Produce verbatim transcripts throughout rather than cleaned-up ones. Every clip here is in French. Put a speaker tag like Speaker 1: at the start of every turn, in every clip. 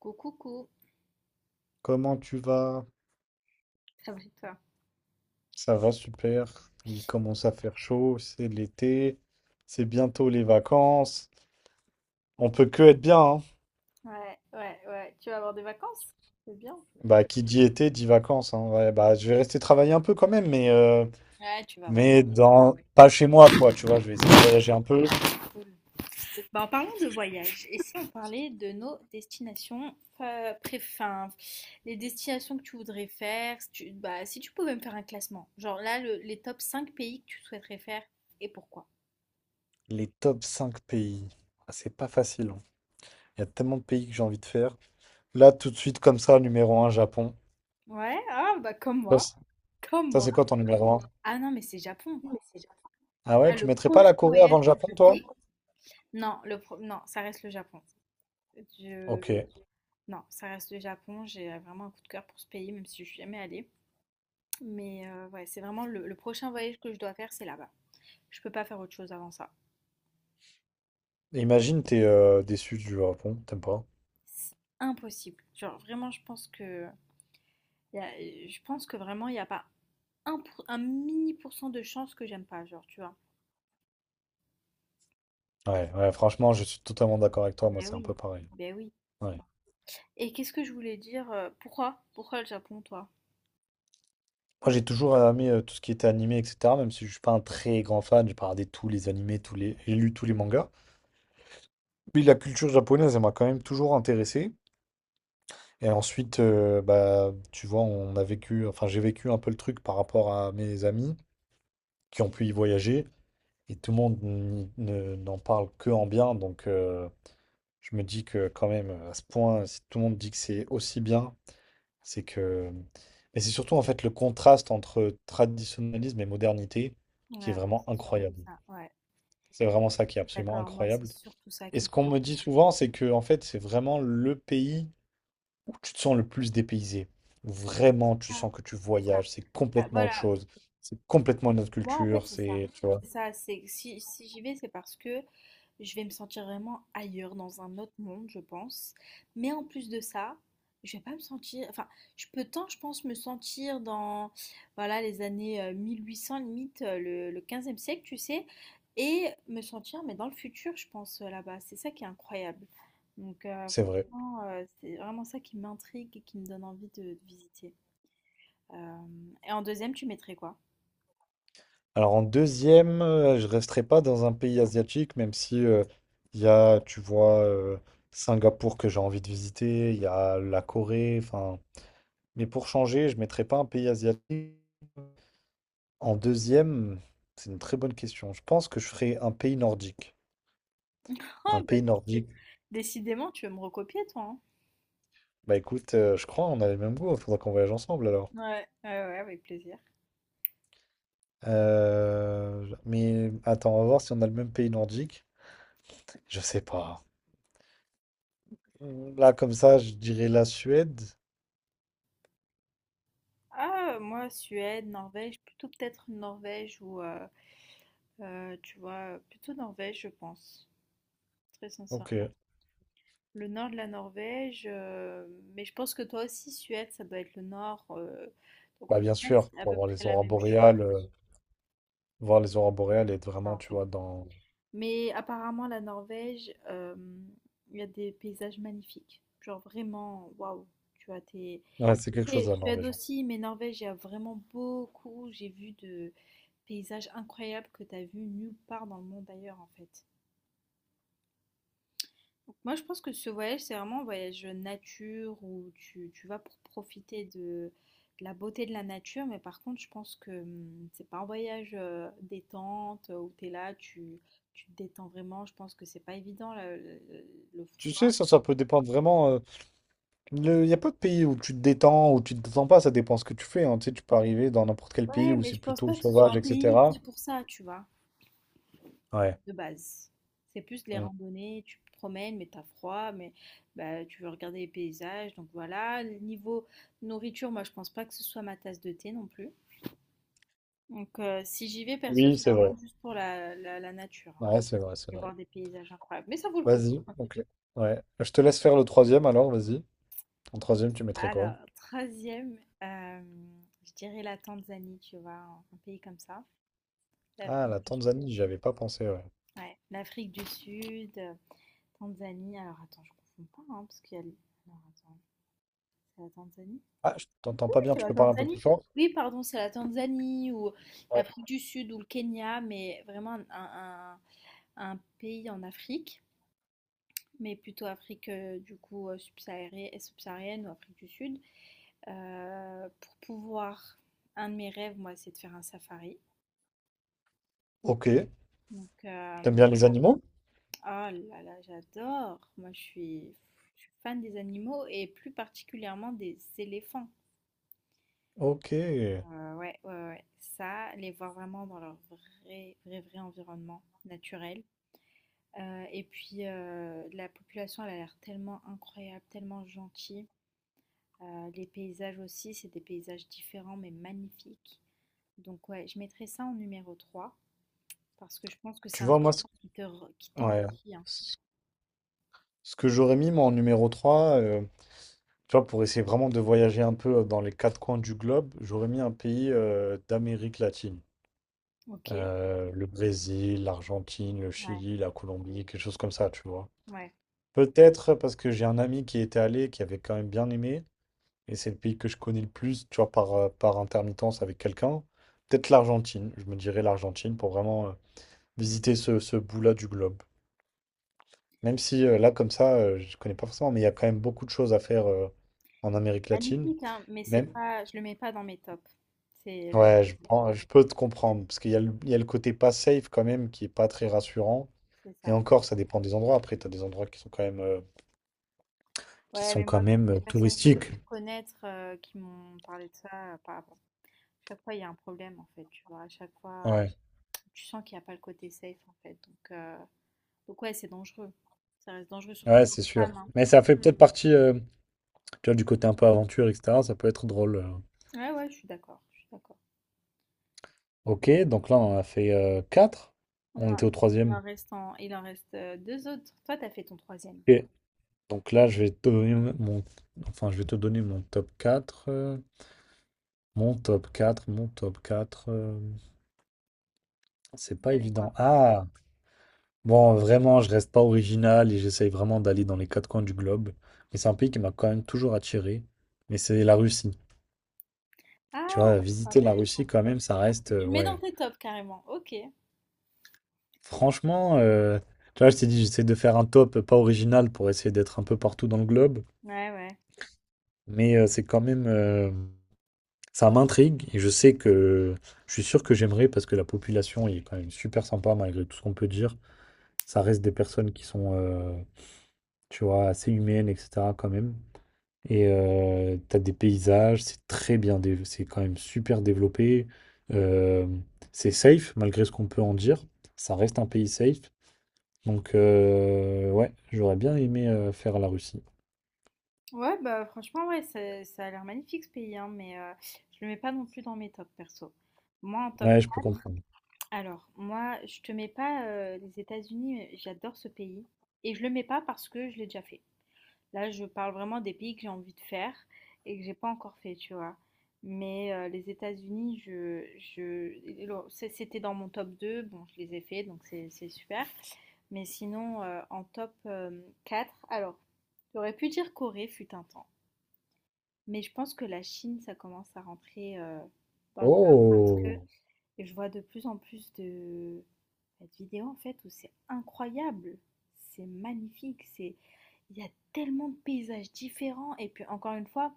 Speaker 1: Coucou, coucou.
Speaker 2: Comment tu vas?
Speaker 1: Ça va et toi?
Speaker 2: Ça va super. Il commence à faire chaud, c'est l'été, c'est bientôt les vacances. On peut que être bien, hein.
Speaker 1: Ouais, ouais, ouais. Tu vas avoir des vacances? C'est bien.
Speaker 2: Bah, qui dit été dit vacances, hein. Ouais, bah, je vais rester travailler un peu quand même, mais, euh,
Speaker 1: Ouais, tu vas voyager.
Speaker 2: mais dans... pas chez moi, quoi, tu vois. Je vais essayer de voyager un peu.
Speaker 1: Bah, en parlant de voyage, et si on parlait de nos destinations euh, pré- enfin, les destinations que tu voudrais faire, si tu, bah, si tu pouvais me faire un classement, genre là, le- les top cinq pays que tu souhaiterais faire et pourquoi?
Speaker 2: Les top cinq pays. Ah, c'est pas facile, hein. Il y a tellement de pays que j'ai envie de faire. Là, tout de suite, comme ça, numéro un, Japon.
Speaker 1: Ouais, ah bah comme
Speaker 2: Ça,
Speaker 1: moi.
Speaker 2: c'est
Speaker 1: Comme
Speaker 2: ça,
Speaker 1: moi.
Speaker 2: c'est quoi ton numéro un?
Speaker 1: Ah non, mais c'est Japon.
Speaker 2: Ah ouais,
Speaker 1: Ah,
Speaker 2: tu
Speaker 1: le
Speaker 2: mettrais pas
Speaker 1: prochain
Speaker 2: la Corée avant
Speaker 1: voyage
Speaker 2: le
Speaker 1: que je
Speaker 2: Japon, toi?
Speaker 1: fais? Non, le pro- non, ça reste le Japon.
Speaker 2: Ok.
Speaker 1: Je... Non, ça reste le Japon. J'ai euh, vraiment un coup de cœur pour ce pays, même si je suis jamais allée. Mais euh, ouais, c'est vraiment le, le prochain voyage que je dois faire, c'est là-bas. Je peux pas faire autre chose avant ça.
Speaker 2: Imagine, t'es euh, déçu du Japon, t'aimes pas?
Speaker 1: C'est impossible. Genre vraiment, je pense que y a- je pense que vraiment il n'y a pas un, pour- un mini pourcent de chance que j'aime pas, genre tu vois.
Speaker 2: Ouais, ouais, franchement, je suis totalement d'accord avec toi, moi
Speaker 1: Ben
Speaker 2: c'est un
Speaker 1: oui,
Speaker 2: peu pareil.
Speaker 1: ben oui.
Speaker 2: Ouais.
Speaker 1: Et qu'est-ce que je voulais dire? euh, Pourquoi? Pourquoi le Japon, toi?
Speaker 2: Moi j'ai toujours aimé euh, tout ce qui était animé, et cetera. Même si je suis pas un très grand fan, j'ai pas regardé tous les animés, tous les... j'ai lu tous les mangas. Puis la culture japonaise, elle m'a quand même toujours intéressé. Et ensuite, euh, bah, tu vois, on a vécu, enfin j'ai vécu un peu le truc par rapport à mes amis qui ont pu y voyager. Et tout le monde n- ne- n'en parle que en bien, donc euh, je me dis que quand même, à ce point, si tout le monde dit que c'est aussi bien. C'est que. Mais c'est surtout en fait le contraste entre traditionnalisme et modernité qui est
Speaker 1: Ouais, moi,
Speaker 2: vraiment
Speaker 1: c'est surtout
Speaker 2: incroyable.
Speaker 1: ça. Ouais,
Speaker 2: C'est vraiment ça qui est absolument
Speaker 1: d'accord. Moi, c'est
Speaker 2: incroyable.
Speaker 1: surtout ça
Speaker 2: Et
Speaker 1: qui
Speaker 2: ce
Speaker 1: me
Speaker 2: qu'on
Speaker 1: demande.
Speaker 2: me dit souvent, c'est que en fait, c'est vraiment le pays où tu te sens le plus dépaysé. Où Vraiment, tu
Speaker 1: Ah,
Speaker 2: sens que tu
Speaker 1: c'est ça.
Speaker 2: voyages, c'est
Speaker 1: Ah,
Speaker 2: complètement autre
Speaker 1: voilà,
Speaker 2: chose. C'est complètement une autre
Speaker 1: moi, en fait,
Speaker 2: culture,
Speaker 1: c'est ça.
Speaker 2: c'est, tu vois,
Speaker 1: C'est ça, c'est si, si j'y vais, c'est parce que je vais me sentir vraiment ailleurs, dans un autre monde, je pense. Mais en plus de ça, je vais pas me sentir. Enfin, je peux tant, je pense, me sentir dans voilà, les années euh, mille huit cents, limite euh, le, le quinze siècle, tu sais, et me sentir, mais dans le futur, je pense, euh, là-bas. C'est ça qui est incroyable. Donc, euh,
Speaker 2: c'est vrai.
Speaker 1: franchement, euh, c'est vraiment ça qui m'intrigue et qui me donne envie de, de visiter. Euh, et en deuxième, tu mettrais quoi?
Speaker 2: Alors en deuxième, euh, je resterai pas dans un pays asiatique, même si euh, il y a, tu vois, euh, Singapour que j'ai envie de visiter, il y a la Corée, enfin. Mais pour changer, je ne mettrais pas un pays asiatique. En deuxième, c'est une très bonne question. Je pense que je ferais un pays nordique.
Speaker 1: Ah
Speaker 2: Un
Speaker 1: bah,
Speaker 2: pays
Speaker 1: tu
Speaker 2: nordique.
Speaker 1: décidément, tu veux me recopier toi, hein?
Speaker 2: Bah écoute, euh, je crois on a les mêmes goûts. Il Faudra qu'on voyage ensemble alors.
Speaker 1: Ouais, ouais, ouais, avec plaisir.
Speaker 2: Euh, mais attends, on va voir si on a le même pays nordique. Je sais pas. Là, comme ça, je dirais la Suède.
Speaker 1: Ah, moi, Suède, Norvège, plutôt peut-être Norvège ou, euh, euh, tu vois, plutôt Norvège, je pense, très
Speaker 2: Ok.
Speaker 1: sincèrement. Le nord de la Norvège, euh, mais je pense que toi aussi, Suède, ça doit être le nord. Euh, donc
Speaker 2: Bah
Speaker 1: au
Speaker 2: bien
Speaker 1: final,
Speaker 2: sûr,
Speaker 1: c'est à
Speaker 2: pour
Speaker 1: peu
Speaker 2: voir
Speaker 1: près
Speaker 2: les
Speaker 1: la
Speaker 2: aurores
Speaker 1: même chose.
Speaker 2: boréales, euh, voir les aurores boréales et être
Speaker 1: Ça
Speaker 2: vraiment,
Speaker 1: en
Speaker 2: tu
Speaker 1: fait.
Speaker 2: vois, dans.
Speaker 1: Mais apparemment, la Norvège, euh, il y a des paysages magnifiques. Genre vraiment, waouh, tu as tes.
Speaker 2: Ouais, c'est quelque
Speaker 1: Et
Speaker 2: chose la
Speaker 1: Suède
Speaker 2: Norvège, hein.
Speaker 1: aussi, mais Norvège, il y a vraiment beaucoup. J'ai vu de paysages incroyables que tu as vu nulle part dans le monde ailleurs, en fait. Donc, moi, je pense que ce voyage, c'est vraiment un voyage nature où tu, tu vas pour profiter de, de la beauté de la nature. Mais par contre, je pense que hum, c'est pas un voyage euh, détente euh, où tu es là, tu, tu te détends vraiment. Je pense que c'est pas évident le, le- le
Speaker 2: Tu sais,
Speaker 1: froid.
Speaker 2: ça, ça peut dépendre vraiment. euh, Il n'y a pas de pays où tu te détends, où tu te détends pas, ça dépend ce que tu fais, hein. Tu sais, tu peux arriver dans n'importe quel pays
Speaker 1: Ouais,
Speaker 2: où
Speaker 1: mais
Speaker 2: c'est
Speaker 1: je pense
Speaker 2: plutôt
Speaker 1: pas que ce soit
Speaker 2: sauvage,
Speaker 1: un pays fait
Speaker 2: et cetera.
Speaker 1: pour ça, tu vois,
Speaker 2: Ouais.
Speaker 1: de base. C'est plus les
Speaker 2: Mm.
Speaker 1: randonnées, tu te promènes, mais t'as froid, mais bah, tu veux regarder les paysages. Donc voilà, le niveau nourriture, moi, je pense pas que ce soit ma tasse de thé non plus. Donc, euh, si j'y vais, perso, c'est
Speaker 2: Oui, c'est vrai.
Speaker 1: vraiment juste pour la, la, la nature, hein.
Speaker 2: Ouais, c'est vrai, c'est
Speaker 1: Je
Speaker 2: vrai.
Speaker 1: voir des paysages incroyables. Mais ça vaut le coup.
Speaker 2: Vas-y, ok. Ouais. Je te laisse faire le troisième alors, vas-y. En troisième, tu mettrais quoi?
Speaker 1: Alors, troisième, euh, je dirais la Tanzanie, tu vois, un, un pays comme ça.
Speaker 2: Ah,
Speaker 1: L'Afrique
Speaker 2: la
Speaker 1: du Sud.
Speaker 2: Tanzanie, j'y avais pas pensé, ouais.
Speaker 1: Ouais, l'Afrique du Sud, euh, Tanzanie. Alors, attends, je confonds pas, hein, parce qu'il y a. le- Alors, attends, c'est la Tanzanie?
Speaker 2: Ah, je t'entends pas
Speaker 1: Oui,
Speaker 2: bien,
Speaker 1: c'est
Speaker 2: tu
Speaker 1: la
Speaker 2: peux parler un peu plus
Speaker 1: Tanzanie.
Speaker 2: fort?
Speaker 1: Oui, pardon, c'est la Tanzanie ou
Speaker 2: Ouais.
Speaker 1: l'Afrique du Sud ou le Kenya, mais vraiment un, un un un pays en Afrique. Mais plutôt Afrique euh, du coup euh, subsaharienne, et subsaharienne ou Afrique du Sud. Euh, pour pouvoir, un de mes rêves, moi, c'est de faire un safari.
Speaker 2: Ok.
Speaker 1: Donc, euh,
Speaker 2: T'aimes bien les animaux?
Speaker 1: oh là là, j'adore. Moi, je suis, je suis fan des animaux et plus particulièrement des éléphants.
Speaker 2: Ok.
Speaker 1: Euh, ouais, ouais, ouais. Ça, les voir vraiment dans leur vrai, vrai, vrai environnement naturel. Euh, et puis, euh, la population, elle a l'air tellement incroyable, tellement gentille. Euh, les paysages aussi, c'est des paysages différents mais magnifiques. Donc ouais, je mettrai ça en numéro trois parce que je pense que c'est
Speaker 2: Tu
Speaker 1: un
Speaker 2: vois, moi, ce-
Speaker 1: voyage qui te, re- qui
Speaker 2: ouais.
Speaker 1: t'enrichit, hein.
Speaker 2: Ce que j'aurais mis, moi, en numéro trois euh, Tu vois, pour essayer vraiment de voyager un peu euh, dans les quatre coins du globe, j'aurais mis un pays euh, d'Amérique latine.
Speaker 1: Ok,
Speaker 2: Euh, le Brésil, l'Argentine, le
Speaker 1: ouais,
Speaker 2: Chili, la Colombie, quelque chose comme ça, tu vois.
Speaker 1: ouais.
Speaker 2: Peut-être parce que j'ai un ami qui était allé, qui avait quand même bien aimé, et c'est le pays que je connais le plus, tu vois, par, euh, par intermittence avec quelqu'un. Peut-être l'Argentine, je me dirais l'Argentine pour vraiment euh, visiter ce, ce bout-là du globe. Même si euh, là, comme ça, euh, je connais pas forcément, mais il y a quand même beaucoup de choses à faire euh, en Amérique latine.
Speaker 1: Magnifique, hein, mais c'est
Speaker 2: Même,
Speaker 1: pas, je le mets pas dans mes tops. C'est la
Speaker 2: Ouais, je,
Speaker 1: magnifique.
Speaker 2: prends- je peux te comprendre, parce qu'il y a le, il y a le côté pas safe quand même qui est pas très rassurant.
Speaker 1: C'est
Speaker 2: Et
Speaker 1: ça.
Speaker 2: encore, ça dépend des endroits. Après, tu as des endroits qui sont quand même, euh, qui
Speaker 1: Ouais,
Speaker 2: sont
Speaker 1: mais
Speaker 2: quand
Speaker 1: moi, toutes
Speaker 2: même euh,
Speaker 1: les personnes que j'ai
Speaker 2: touristiques.
Speaker 1: pu connaître euh, qui m'ont parlé de ça, euh, pas avant. Chaque fois, il y a un problème, en fait, tu vois. À chaque fois, euh,
Speaker 2: Ouais,
Speaker 1: tu sens qu'il n'y a pas le côté safe, en fait. Donc, euh, donc ouais, c'est dangereux. Ça reste dangereux, surtout
Speaker 2: ouais,
Speaker 1: pour
Speaker 2: c'est
Speaker 1: une
Speaker 2: sûr.
Speaker 1: femme, hein.
Speaker 2: Mais ça fait peut-être partie, euh, tu vois, du côté un peu aventure, et cetera. Ça peut être drôle. euh.
Speaker 1: Ouais, ouais, je suis d'accord, je suis d'accord.
Speaker 2: Ok, donc là, on en a fait euh, quatre.
Speaker 1: On
Speaker 2: On
Speaker 1: en-
Speaker 2: était au
Speaker 1: il
Speaker 2: troisième.
Speaker 1: en reste en- il en reste euh, deux autres. Toi, t'as fait ton troisième,
Speaker 2: Ok, Donc là, je vais te donner mon, enfin, je vais te donner mon top quatre. euh, mon top quatre. Mon top quatre. euh, c'est
Speaker 1: je
Speaker 2: pas
Speaker 1: dirais quoi?
Speaker 2: évident. Ah! Bon, vraiment, je reste pas original et j'essaye vraiment d'aller dans les quatre coins du globe. Mais c'est un pays qui m'a quand même toujours attiré. Mais c'est la Russie. Tu
Speaker 1: Ah
Speaker 2: vois,
Speaker 1: ouais, c'est
Speaker 2: visiter la Russie
Speaker 1: intéressant.
Speaker 2: quand même, ça reste, euh,
Speaker 1: Tu le mets dans
Speaker 2: ouais.
Speaker 1: tes tops carrément. Ok. Ouais,
Speaker 2: Franchement, euh, tu vois, je t'ai dit, j'essaie de faire un top pas original pour essayer d'être un peu partout dans le globe.
Speaker 1: ouais.
Speaker 2: Mais euh, c'est quand même, euh, ça m'intrigue et je sais que je suis sûr que j'aimerais parce que la population est quand même super sympa malgré tout ce qu'on peut dire. Ça reste des personnes qui sont, euh, tu vois, assez humaines, et cetera quand même. Et euh, t'as des paysages, c'est très bien, dé- c'est quand même super développé. Euh, c'est safe, malgré ce qu'on peut en dire. Ça reste un pays safe. Donc, euh, ouais, j'aurais bien aimé euh, faire la Russie.
Speaker 1: Ouais, bah franchement, ouais, ça, ça a l'air magnifique ce pays, hein, mais euh, je le mets pas non plus dans mes tops perso. Moi en top.
Speaker 2: Ouais, je peux comprendre.
Speaker 1: Alors, moi, je te mets pas euh, les États-Unis, mais j'adore ce pays. Et je le mets pas parce que je l'ai déjà fait. Là, je parle vraiment des pays que j'ai envie de faire et que j'ai pas encore fait, tu vois. Mais euh, les États-Unis, je, je, le- c'est- c'était dans mon top deux. Bon, je les ai fait, donc c'est c'est super. Mais sinon, euh, en top euh, quatre, alors, j'aurais pu dire Corée fut un temps. Mais je pense que la Chine, ça commence à rentrer euh, dans le top parce que
Speaker 2: Oh!
Speaker 1: et je vois de plus en plus de, bah, de vidéos en fait où c'est incroyable, c'est magnifique, c'est il y a tellement de paysages différents et puis encore une fois,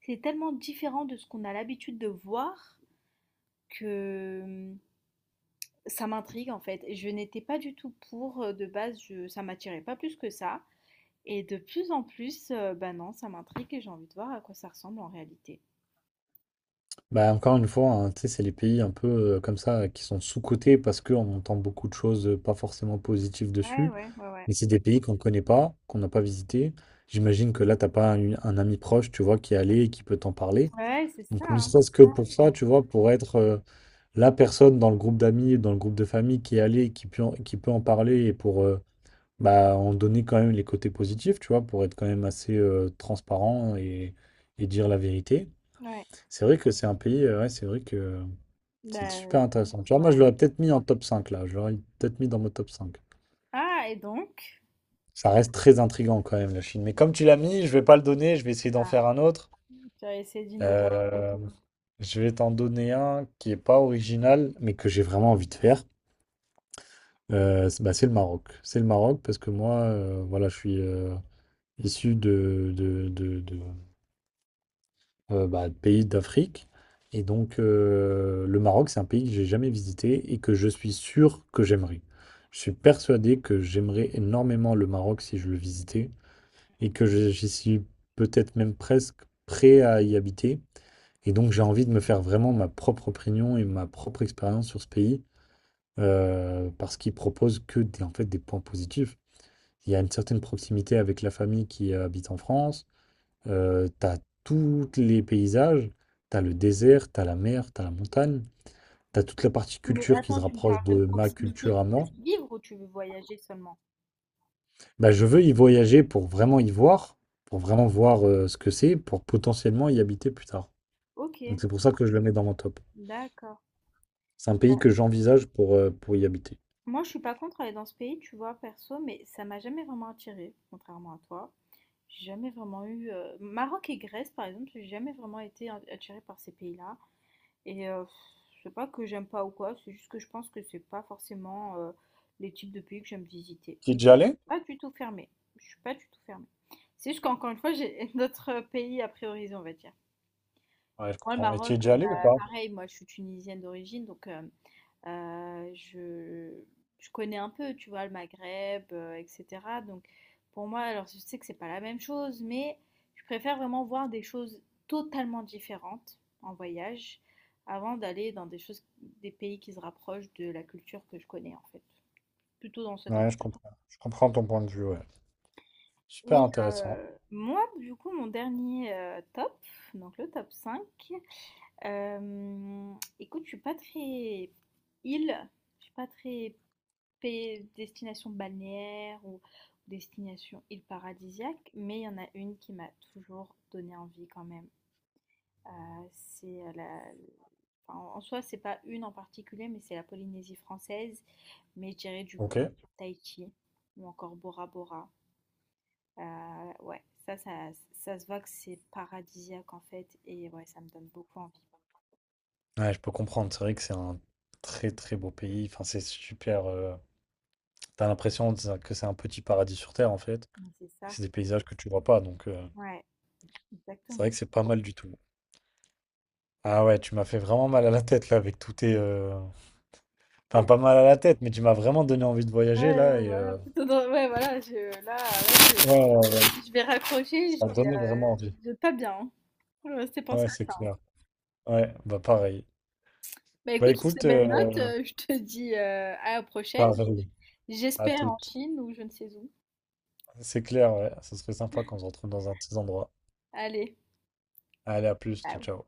Speaker 1: c'est tellement différent de ce qu'on a l'habitude de voir que hum, ça m'intrigue en fait. Je n'étais pas du tout pour euh, de base, je- ça m'attirait pas plus que ça. Et de plus en plus, euh, bah non, ça m'intrigue et j'ai envie de voir à quoi ça ressemble en réalité.
Speaker 2: Bah, encore une fois, hein, tu sais, c'est les pays un peu euh, comme ça qui sont sous-cotés parce qu'on entend beaucoup de choses euh, pas forcément positives
Speaker 1: Ouais,
Speaker 2: dessus.
Speaker 1: ouais, ouais, ouais.
Speaker 2: Mais c'est des pays qu'on ne connaît pas, qu'on n'a pas visité. J'imagine que là, t'as pas un, un ami proche, tu vois, qui est allé et qui peut t'en parler.
Speaker 1: Ouais, c'est ça,
Speaker 2: Donc, ne
Speaker 1: hein.
Speaker 2: serait-ce que pour ça, tu vois, pour être euh, la personne dans le groupe d'amis, dans le groupe de famille qui est allée, qui peut en, qui peut en parler et pour euh, bah, en donner quand même les côtés positifs, tu vois, pour être quand même assez euh, transparent et, et dire la vérité.
Speaker 1: Ouais.
Speaker 2: C'est vrai que c'est un pays, euh, ouais, c'est vrai que euh, c'est
Speaker 1: Bah,
Speaker 2: super intéressant. Tu vois, moi, je
Speaker 1: ouais.
Speaker 2: l'aurais peut-être mis en top cinq là. Je l'aurais peut-être mis dans mon top cinq.
Speaker 1: Ah, et donc?
Speaker 2: Ça reste très intriguant quand même, la Chine. Mais comme tu l'as mis, je vais pas le donner, je vais essayer d'en
Speaker 1: Ah,
Speaker 2: faire un autre.
Speaker 1: tu as essayé d'innover.
Speaker 2: Euh, je vais t'en donner un qui est pas original, mais que j'ai vraiment envie de faire. Euh, c'est bah, c'est le Maroc. C'est le Maroc parce que moi, euh, voilà, je suis euh, issu de, de, de- de, euh, bah, de pays d'Afrique. Et donc, euh, le Maroc, c'est un pays que j'ai jamais visité et que je suis sûr que j'aimerais. Je suis persuadé que j'aimerais énormément le Maroc si je le visitais et que je- j'y suis peut-être même presque prêt à y habiter. Et donc j'ai envie de me faire vraiment ma propre opinion et ma propre expérience sur ce pays, euh, parce qu'il propose que des, en fait, des points positifs. Il y a une certaine proximité avec la famille qui euh, habite en France, euh, t'as tous les paysages, t'as le désert, t'as la mer, t'as la montagne, t'as toute la partie
Speaker 1: Oui, mais
Speaker 2: culture qui se
Speaker 1: attends, tu me
Speaker 2: rapproche
Speaker 1: parles de
Speaker 2: de ma
Speaker 1: proximité,
Speaker 2: culture
Speaker 1: tu
Speaker 2: à
Speaker 1: veux
Speaker 2: moi.
Speaker 1: y vivre ou tu veux voyager seulement?
Speaker 2: Bah, je veux y voyager pour vraiment y voir, pour vraiment voir euh, ce que c'est, pour potentiellement y habiter plus tard.
Speaker 1: Ok,
Speaker 2: Donc c'est pour ça que je le mets dans mon top.
Speaker 1: d'accord.
Speaker 2: C'est un
Speaker 1: Euh,
Speaker 2: pays que j'envisage pour, euh, pour y habiter.
Speaker 1: moi, je suis pas contre aller dans ce pays, tu vois, perso, mais ça m'a jamais vraiment attirée, contrairement à toi. J'ai jamais vraiment eu. euh, Maroc et Grèce, par exemple, j'ai jamais vraiment été a- attirée par ces pays-là. Et euh, pff, c'est pas que j'aime pas ou quoi, c'est juste que je pense que c'est pas forcément euh, les types de pays que j'aime visiter.
Speaker 2: Tu es
Speaker 1: Mais
Speaker 2: déjà allé?
Speaker 1: pas du tout fermée. Je suis pas du tout fermée. C'est juste qu'encore une fois, j'ai d'autres pays à prioriser, on va dire.
Speaker 2: Ouais, je
Speaker 1: Moi, le
Speaker 2: comprends. Et tu
Speaker 1: Maroc,
Speaker 2: es
Speaker 1: heu,
Speaker 2: déjà
Speaker 1: bah,
Speaker 2: allé ou pas?
Speaker 1: pareil, moi, je suis tunisienne d'origine, donc hem, heu, je je connais un peu, tu vois? Le Maghreb, heu, et cetera, donc pour moi, alors je sais que c'est pas la même chose, mais je préfère vraiment voir des choses totalement différentes en voyage avant d'aller dans des choses des pays qui se rapprochent de la culture que je connais, en fait. Plutôt dans cette
Speaker 2: Ouais, je
Speaker 1: option.
Speaker 2: comprends. Je comprends ton point de vue, ouais. Super
Speaker 1: Et
Speaker 2: intéressant.
Speaker 1: heu, moi, du coup, mon dernier, heu, top, donc le top cinq. Hem, écoute, je suis pas très île, je suis pas très pays- destination balnéaire ou destination île paradisiaque, mais il y en a une qui m'a toujours donné envie quand même. Euh, C'est euh, la... enfin, en en soi, c'est pas une en particulier, mais c'est la Polynésie française, mais je dirais du
Speaker 2: Ok.
Speaker 1: coup Tahiti ou encore Bora Bora. Euh, ouais, ça, ça, ça se voit que c'est paradisiaque en fait, et ouais, ça me donne beaucoup envie.
Speaker 2: Ouais, je peux comprendre. C'est vrai que c'est un très très beau pays. Enfin, c'est super. euh, T'as l'impression de que c'est un petit paradis sur terre en fait.
Speaker 1: Mais c'est
Speaker 2: Et
Speaker 1: ça.
Speaker 2: c'est des paysages que tu vois pas. Donc, euh,
Speaker 1: Ouais,
Speaker 2: c'est vrai
Speaker 1: exactement.
Speaker 2: que c'est pas mal du tout. Ah ouais, tu m'as fait vraiment mal à la tête là avec tous tes. euh, Enfin, pas mal à la tête, mais tu m'as vraiment donné envie de
Speaker 1: Ouais,
Speaker 2: voyager
Speaker 1: ouais,
Speaker 2: là.
Speaker 1: ouais,
Speaker 2: Et
Speaker 1: voilà,
Speaker 2: euh,
Speaker 1: plutôt dans ouais, voilà, je là, ouais,
Speaker 2: ouais, ouais, ouais,
Speaker 1: je je vais raccrocher, je
Speaker 2: ça a
Speaker 1: vais,
Speaker 2: donné vraiment
Speaker 1: heu,
Speaker 2: envie.
Speaker 1: je vais pas bien, hein. Je vais rester penser
Speaker 2: Ouais,
Speaker 1: à
Speaker 2: c'est
Speaker 1: ça, hein.
Speaker 2: clair. Ouais, bah pareil.
Speaker 1: Bah,
Speaker 2: Bah
Speaker 1: écoute, sur ces
Speaker 2: écoute,
Speaker 1: belles notes,
Speaker 2: euh,
Speaker 1: heu, je te dis, heu, à la prochaine
Speaker 2: pareil. À
Speaker 1: j'espère en
Speaker 2: toutes.
Speaker 1: Chine ou je ne sais où.
Speaker 2: C'est clair, ouais. Ça serait sympa qu'on se retrouve dans un de ces endroits.
Speaker 1: Allez,
Speaker 2: Allez, à plus, ciao,
Speaker 1: ciao.
Speaker 2: ciao.